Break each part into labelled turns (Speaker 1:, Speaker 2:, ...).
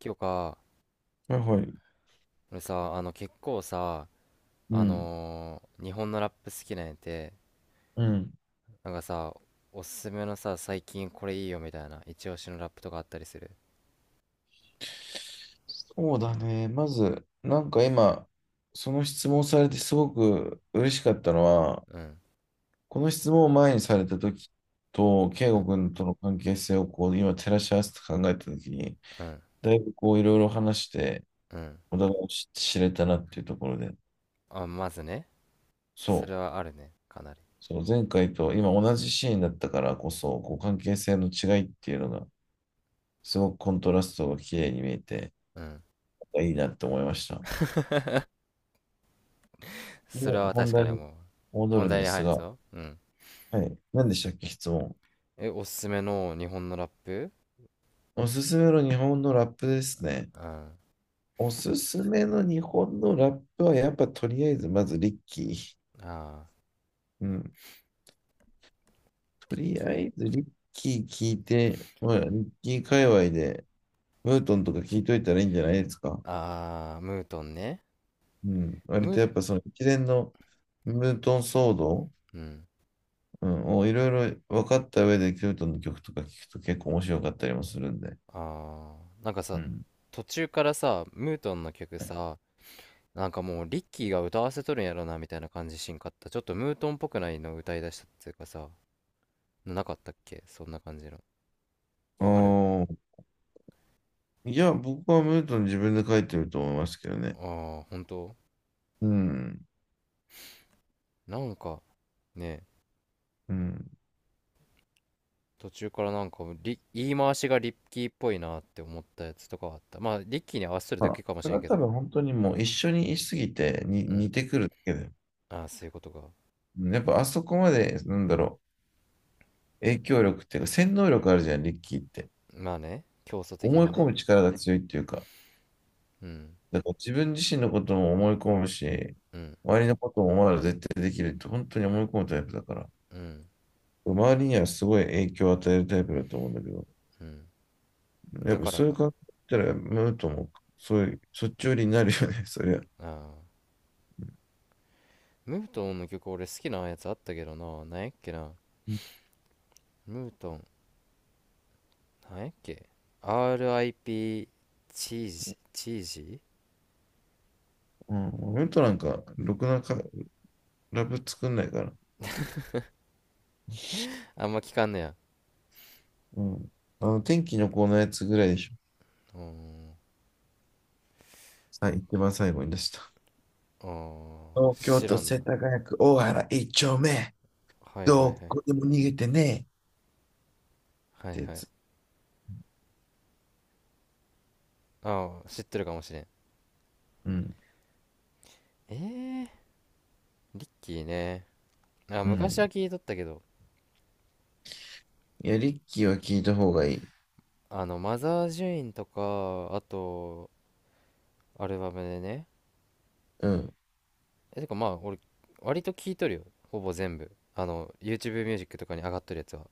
Speaker 1: 今日か。
Speaker 2: はいはい。
Speaker 1: 俺さ、結構さ、
Speaker 2: うん。
Speaker 1: 日本のラップ好きなんやて。
Speaker 2: うん。
Speaker 1: なんかさ、おすすめのさ、最近これいいよみたいな、一押しのラップとかあったりする？
Speaker 2: そうだね。まず、なんか今、その質問されてすごく嬉しかったのは、
Speaker 1: うん、
Speaker 2: この質問を前にされた時と、圭
Speaker 1: うん、
Speaker 2: 吾君との関係性をこう今照らし合わせて考えた時に、
Speaker 1: うん、
Speaker 2: だいぶこういろいろ話して、
Speaker 1: うん。
Speaker 2: お互いを知れたなっていうところで、
Speaker 1: あ、まずね、そ
Speaker 2: そう、
Speaker 1: れはあるね、かなり。
Speaker 2: そう、前回と今同じシーンだったからこそ、こう関係性の違いっていうのが、すごくコントラストが綺麗に見えて、
Speaker 1: うん。
Speaker 2: いいなって思いました。
Speaker 1: それ
Speaker 2: で、
Speaker 1: は
Speaker 2: 本
Speaker 1: 確か
Speaker 2: 題
Speaker 1: に
Speaker 2: に
Speaker 1: 思う。
Speaker 2: 戻
Speaker 1: 本
Speaker 2: るん
Speaker 1: 題
Speaker 2: で
Speaker 1: に
Speaker 2: す
Speaker 1: 入る
Speaker 2: が、
Speaker 1: ぞ。うん。
Speaker 2: はい。何でしたっけ、質問。
Speaker 1: え、おすすめの日本のラップ。
Speaker 2: おすすめの日本のラップですね。
Speaker 1: うん。
Speaker 2: おすすめの日本のラップは、やっぱとりあえず、まずリッキー。
Speaker 1: ああ、
Speaker 2: うん。と
Speaker 1: り、
Speaker 2: りあえずリッキー聞いて、まあ、リッキー界隈で、ムートンとか聞いといたらいいんじゃないですか。
Speaker 1: ああ、ムートンね。
Speaker 2: うん。割
Speaker 1: ム、
Speaker 2: とやっぱその一連のムートン騒動、
Speaker 1: うん。
Speaker 2: うん、をいろいろ分かった上で、ムートンの曲とか聞くと結構面白かったりもするんで。
Speaker 1: あーなんか
Speaker 2: う
Speaker 1: さ、
Speaker 2: ん。
Speaker 1: 途中からさ、ムートンの曲さ、なんかもうリッキーが歌わせとるんやろなみたいな感じしんかった？ちょっとムートンっぽくないの歌い出したっていうかさ、なかったっけそんな感じの。わかる。
Speaker 2: おあ。いや、僕はムートン自分で書いてると思いますけど
Speaker 1: あ
Speaker 2: ね。
Speaker 1: あー、本当。
Speaker 2: うん。
Speaker 1: なんかね、
Speaker 2: うん。
Speaker 1: 途中からなんかリ、言い回しがリッキーっぽいなって思ったやつとかはあった。まあリッキーに合わせとる
Speaker 2: ま
Speaker 1: だけ
Speaker 2: あ、
Speaker 1: かも
Speaker 2: そ
Speaker 1: し
Speaker 2: れ
Speaker 1: れん
Speaker 2: は
Speaker 1: け
Speaker 2: 多
Speaker 1: ど。
Speaker 2: 分本当にもう一緒にいすぎてに
Speaker 1: うん。
Speaker 2: 似てくるだけで。
Speaker 1: ああー、そういうことか。
Speaker 2: うん、やっぱあそこまで、なんだろう、影響力っていうか、洗脳力あるじゃん、リッキーって。
Speaker 1: まあね、競争的
Speaker 2: 思い
Speaker 1: な
Speaker 2: 込
Speaker 1: ね。
Speaker 2: む力が強いっていうか、
Speaker 1: うん、
Speaker 2: だから自分自身のことも思い込むし、
Speaker 1: うん、
Speaker 2: 周りのこともお前ら絶対できるって本当に思い込むタイプだから、
Speaker 1: うん、
Speaker 2: 周りにはすごい影響を与えるタイプだと思うんだけど、
Speaker 1: うん。
Speaker 2: やっ
Speaker 1: だ
Speaker 2: ぱ
Speaker 1: から
Speaker 2: そういう
Speaker 1: か。
Speaker 2: 感じだったら、ムートンもそういう、そっち寄りになるよね、そりゃ。
Speaker 1: ああー、ムートンの曲俺好きなやつあったけどな。なんやっけな。
Speaker 2: う
Speaker 1: ムートン、なんやっけ。RIP チージ、チージ。
Speaker 2: ん、俺となんか、ろくなかラブ作んないから。
Speaker 1: あんま聞かんねや。
Speaker 2: うん。あの、天気の子のやつぐらいでしょ。
Speaker 1: うーん。
Speaker 2: さっ一番最後に出した。
Speaker 1: あー、
Speaker 2: 東京
Speaker 1: 知ら
Speaker 2: 都
Speaker 1: んな。
Speaker 2: 世田谷区大原一丁目。
Speaker 1: はいはいはい。
Speaker 2: どこでも逃げてねえ。っ
Speaker 1: はい
Speaker 2: てや
Speaker 1: はい。
Speaker 2: つ。
Speaker 1: ああ、知ってるかもしれん。
Speaker 2: うん。
Speaker 1: えー、リッキーね。あ、
Speaker 2: う
Speaker 1: 昔は
Speaker 2: ん。
Speaker 1: 聞いとったけど。
Speaker 2: いや、リッキーは聞いた方がいい。
Speaker 1: マザー・ジュインとか、あと、アルバムでね。
Speaker 2: うん。
Speaker 1: え、てかまあ、俺、割と聞いとるよ。ほぼ全部。YouTube ミュージックとかに上がっとるやつは。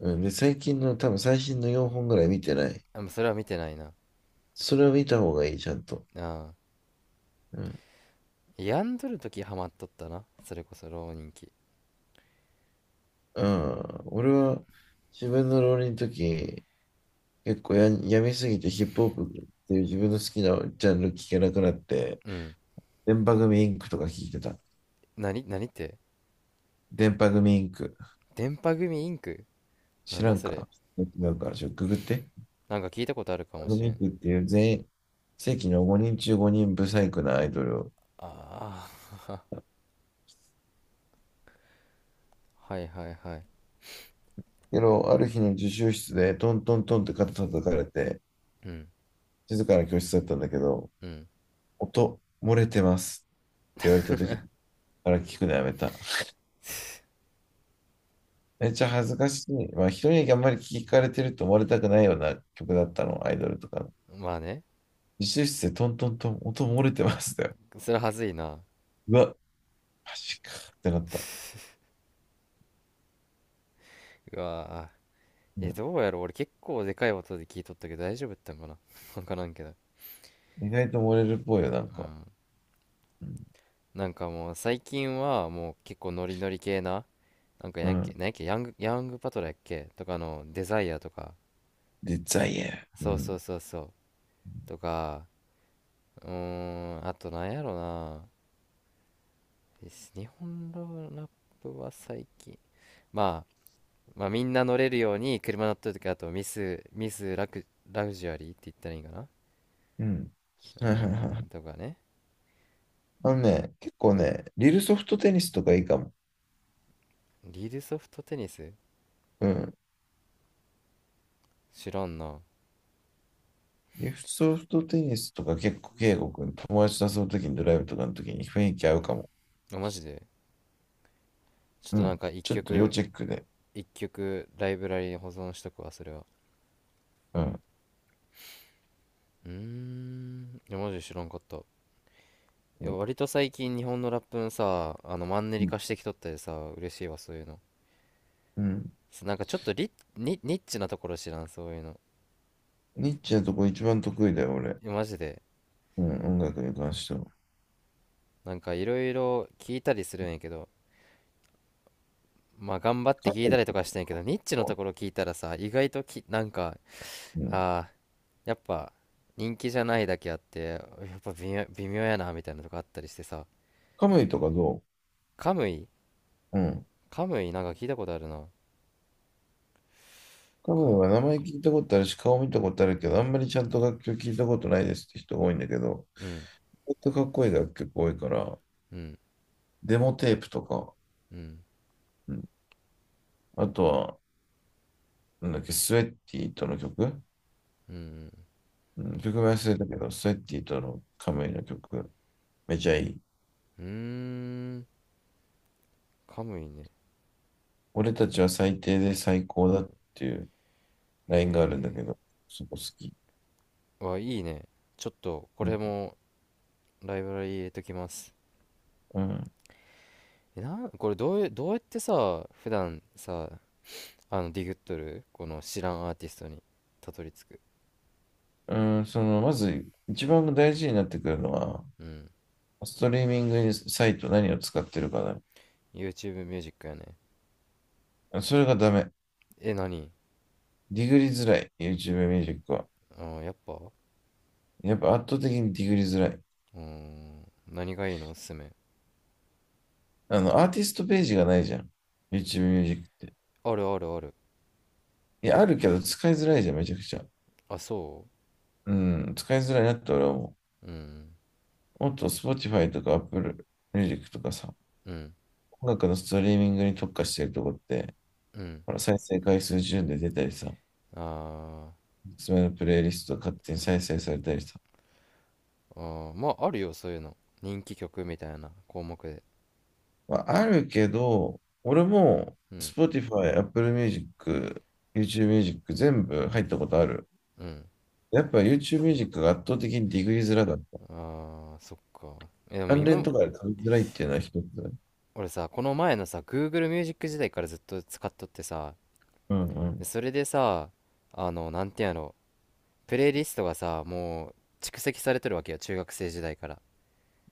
Speaker 2: うん。で、最近の、多分最新の4本ぐらい見てない。
Speaker 1: あ、もうそれは見てないな。
Speaker 2: それを見た方がいい、ちゃんと。
Speaker 1: ああ。
Speaker 2: うん。
Speaker 1: 病んどる時ハマっとったな、それこそ浪人期。
Speaker 2: うん。俺は、自分の浪人の時、結構や、やめすぎてヒップホップっていう自分の好きなジャンル聞けなくなって、
Speaker 1: うん。
Speaker 2: 電波組インクとか聞いてた。
Speaker 1: 何何って？
Speaker 2: 電波組インク。
Speaker 1: 電波組インク。な
Speaker 2: 知
Speaker 1: ん
Speaker 2: ら
Speaker 1: だ
Speaker 2: ん
Speaker 1: それ。
Speaker 2: か、違うから、ちょ、ググって。電
Speaker 1: なんか聞いたことあるかも
Speaker 2: 波
Speaker 1: しれ
Speaker 2: 組イン
Speaker 1: ん。
Speaker 2: クっていう全世紀の5人中5人ブサイクなアイドルを。
Speaker 1: ああ。 はいはいはい。
Speaker 2: けど、ある日の自習室でトントントンって肩叩かれて、
Speaker 1: うん、
Speaker 2: 静かな教室だったんだけど、
Speaker 1: うん。
Speaker 2: 音漏れてますって言われた時に、から聞くのやめた。めっちゃ恥ずかしい。まあ、人にあんまり聞かれてると思われたくないような曲だったの、アイドルとか。
Speaker 1: まあね。
Speaker 2: 自習室でトントントン、音漏れてますだよ。
Speaker 1: それはずいな。
Speaker 2: うわ、マジかってなった。
Speaker 1: うわ
Speaker 2: う
Speaker 1: ー。え
Speaker 2: ん、
Speaker 1: どうやろう、俺結構でかい音で聞いとったけど大丈夫だったんかな。 わからんけど。
Speaker 2: 意外と漏れるっぽいよ、なん
Speaker 1: う
Speaker 2: か。
Speaker 1: ん。なんかもう最近はもう結構ノリノリ系な、なんか
Speaker 2: う
Speaker 1: やんけ、
Speaker 2: ん。
Speaker 1: なんやっけ、ヤング、ヤングパトラやっけとかのデザイアとか。
Speaker 2: で、デザイエう
Speaker 1: そうそう
Speaker 2: ん。
Speaker 1: そうそう。とか。うーん、あとなんやろな。日本のラップは最近、まあまあみんな乗れるように車乗ってる時。あと、ミスミスラ、クラグジュアリーって言ったらいいんかな、う
Speaker 2: うん。は
Speaker 1: ー
Speaker 2: いはいは
Speaker 1: ん、
Speaker 2: い。
Speaker 1: とかね。
Speaker 2: あのね、結構ね、リルソフトテニスとかいいかも。
Speaker 1: リールソフトテニス。
Speaker 2: うん。
Speaker 1: 知らんな。
Speaker 2: リルソフトテニスとか結構、圭吾君、友達と遊ぶときにドライブとかのときに雰囲気合うかも。
Speaker 1: あ、マジで。ちょっ
Speaker 2: う
Speaker 1: となん
Speaker 2: ん。
Speaker 1: か一
Speaker 2: ちょっと要
Speaker 1: 曲、
Speaker 2: チェックで。
Speaker 1: 一曲ライブラリに保存しとくわ、それは。
Speaker 2: うん。
Speaker 1: うーん、いやマジで知らんかった。いや
Speaker 2: う
Speaker 1: 割と最近日本のラップのさ、あのマンネリ
Speaker 2: ん。
Speaker 1: 化してきとったでさ、嬉しいわそういうの。
Speaker 2: うん。
Speaker 1: す、なんかちょっとリ、ニ、ニッチなところ知らん、そういうの。
Speaker 2: ニッチなとこ一番得意だよ、俺。
Speaker 1: いやマジで。
Speaker 2: うん、音楽に関しては。
Speaker 1: なんかいろいろ聞いたりするんやけど、まあ頑張って
Speaker 2: カ
Speaker 1: 聞い
Speaker 2: ム
Speaker 1: た
Speaker 2: イ
Speaker 1: りとかしてんやけど、ニッチ
Speaker 2: と
Speaker 1: のと
Speaker 2: か、
Speaker 1: ころ聞いたらさ意外とき、なんか
Speaker 2: うん。
Speaker 1: あー、やっぱ人気じゃないだけあって、やっぱ微妙、微妙やなみたいなとこあったりしてさ。
Speaker 2: カムイとかどう、
Speaker 1: カムイ。
Speaker 2: うん。
Speaker 1: カムイなんか聞いたことあるな。
Speaker 2: 多
Speaker 1: か、
Speaker 2: 分は名前聞いたことあるし、顔見たことあるけど、あんまりちゃんと楽曲聞いたことないですって人が多いんだけど、
Speaker 1: うん、
Speaker 2: ほんとかっこいい楽曲多いから、
Speaker 1: うん、
Speaker 2: デモテープとか、
Speaker 1: うん、
Speaker 2: うん、あとは、なんだっけ、スウェッティとの曲、
Speaker 1: うん、
Speaker 2: うん、曲名忘れたけど、スウェッティとのカムイの曲、めちゃいい。
Speaker 1: うん、うーん。カムイね。
Speaker 2: 俺たちは最低で最高だっていうライン
Speaker 1: え
Speaker 2: があるんだけど、そこ好き。
Speaker 1: ー、わ、いいね。ちょっと、こ
Speaker 2: う
Speaker 1: れ
Speaker 2: ん。
Speaker 1: も、ライブラリ入れときます。
Speaker 2: うん。
Speaker 1: え、なこれどうや、どうやってさ、普段さ、ディグっとるこの知らんアーティストにたどり着く？
Speaker 2: うん、その、まず、一番大事になってくるのは、
Speaker 1: うん。
Speaker 2: ストリーミングサイト何を使ってるかだね。
Speaker 1: YouTube ミュージックやね。
Speaker 2: それがダメ。
Speaker 1: え、何。
Speaker 2: ディグリづらい。YouTube ミュージックは。
Speaker 1: あー、やっぱ、う
Speaker 2: やっぱ圧倒的にディグリづらい。
Speaker 1: ーん。何がいいのおすすめ。
Speaker 2: あの、アーティストページがないじゃん。YouTube ミュージックって。
Speaker 1: あるあるある。
Speaker 2: いや、あるけど使いづらいじゃん、めちゃくちゃ。
Speaker 1: あ、そ
Speaker 2: うん、使いづらいなって俺は思
Speaker 1: う。うん。
Speaker 2: う。もっと Spotify とか Apple Music とかさ、
Speaker 1: うん。
Speaker 2: 音楽のストリーミングに特化してるとこって、
Speaker 1: うん。
Speaker 2: ほら、再生回数順で出たりさ、
Speaker 1: あ
Speaker 2: おすすめのプレイリスト勝手に再生されたりさ。
Speaker 1: ー、あー、まあ、あるよ、そういうの。人気曲みたいな項目で。
Speaker 2: まあ、あるけど、俺も
Speaker 1: うん。
Speaker 2: Spotify、Apple Music、YouTube Music 全部入ったことある。
Speaker 1: うん。
Speaker 2: やっぱ YouTube ミュージックが圧倒的にディグリづらかった。
Speaker 1: あー、そっか。えでも
Speaker 2: 関連
Speaker 1: 今、
Speaker 2: とかで取りづらいっていうのは一つだね。
Speaker 1: 俺さこの前のさ Google Music 時代からずっと使っとってさ、
Speaker 2: うん、う
Speaker 1: で
Speaker 2: ん。
Speaker 1: それでさ、あのなんてやろ、プレイリストがさ、もう蓄積されとるわけよ、中学生時代から。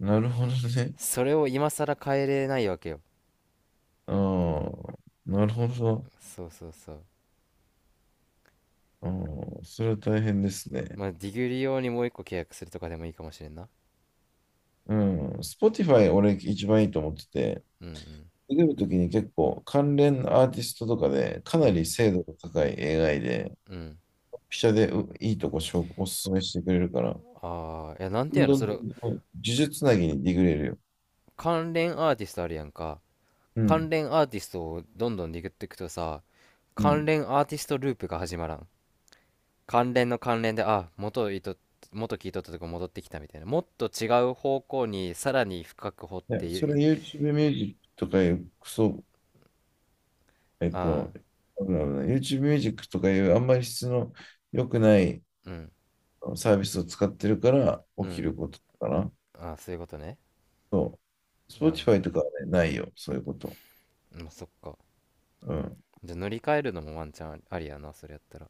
Speaker 2: なるほどね。
Speaker 1: それを今更変えれないわけよ。
Speaker 2: ああ、なるほど。
Speaker 1: そうそうそう。
Speaker 2: ああ、それは大変ですね。
Speaker 1: まあディグリ用にもう一個契約するとかでもいいかもしれんな。
Speaker 2: うん。Spotify 俺一番いいと思ってて、
Speaker 1: うん、
Speaker 2: 出るときに結構関連アーティストとかでか
Speaker 1: うん、
Speaker 2: な
Speaker 1: う
Speaker 2: り
Speaker 1: ん、
Speaker 2: 精度が高い映画で、
Speaker 1: うん。
Speaker 2: ピシャでういいとこ紹おすすめしてくれるから、
Speaker 1: ああー、いやなんて
Speaker 2: どん
Speaker 1: やろ
Speaker 2: ど
Speaker 1: そ
Speaker 2: ん
Speaker 1: れ。
Speaker 2: どんどん呪術つなぎにディグれるよ。
Speaker 1: 関連アーティストあるやんか。
Speaker 2: う
Speaker 1: 関
Speaker 2: ん。
Speaker 1: 連アーティストをどんどんでいっていくとさ、
Speaker 2: う
Speaker 1: 関
Speaker 2: ん。
Speaker 1: 連アーティストループが始まらん。関連の関連で、あ、元いと、元聞いとったとこ戻ってきたみたいな。もっと違う方向にさらに深く掘っ
Speaker 2: ね、
Speaker 1: て
Speaker 2: それ
Speaker 1: い。
Speaker 2: YouTube ミュージックとかいうクソえっ
Speaker 1: ああ、
Speaker 2: と、YouTube Music とかいうあんまり質の良くない
Speaker 1: うん、
Speaker 2: サービスを使ってるから起
Speaker 1: う
Speaker 2: き
Speaker 1: ん、
Speaker 2: ることかな。
Speaker 1: ああ、そういうことね。
Speaker 2: そう。
Speaker 1: うん、
Speaker 2: Spotify とかはね、ないよ、そういうこと。
Speaker 1: まあ、そっか。
Speaker 2: うん。
Speaker 1: じゃあ乗り換えるのもワンチャンありやな、それやったら。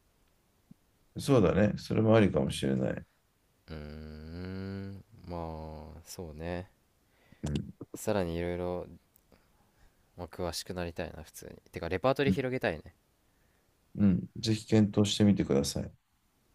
Speaker 2: そうだね。それもありかもしれない。
Speaker 1: うーん、まあ、そうね。
Speaker 2: うん。
Speaker 1: さらにいろいろ、まあ詳しくなりたいな、普通に。てか、レパートリ
Speaker 2: う
Speaker 1: ー
Speaker 2: ん。
Speaker 1: 広げたいね。
Speaker 2: うんぜひ検討してみてください。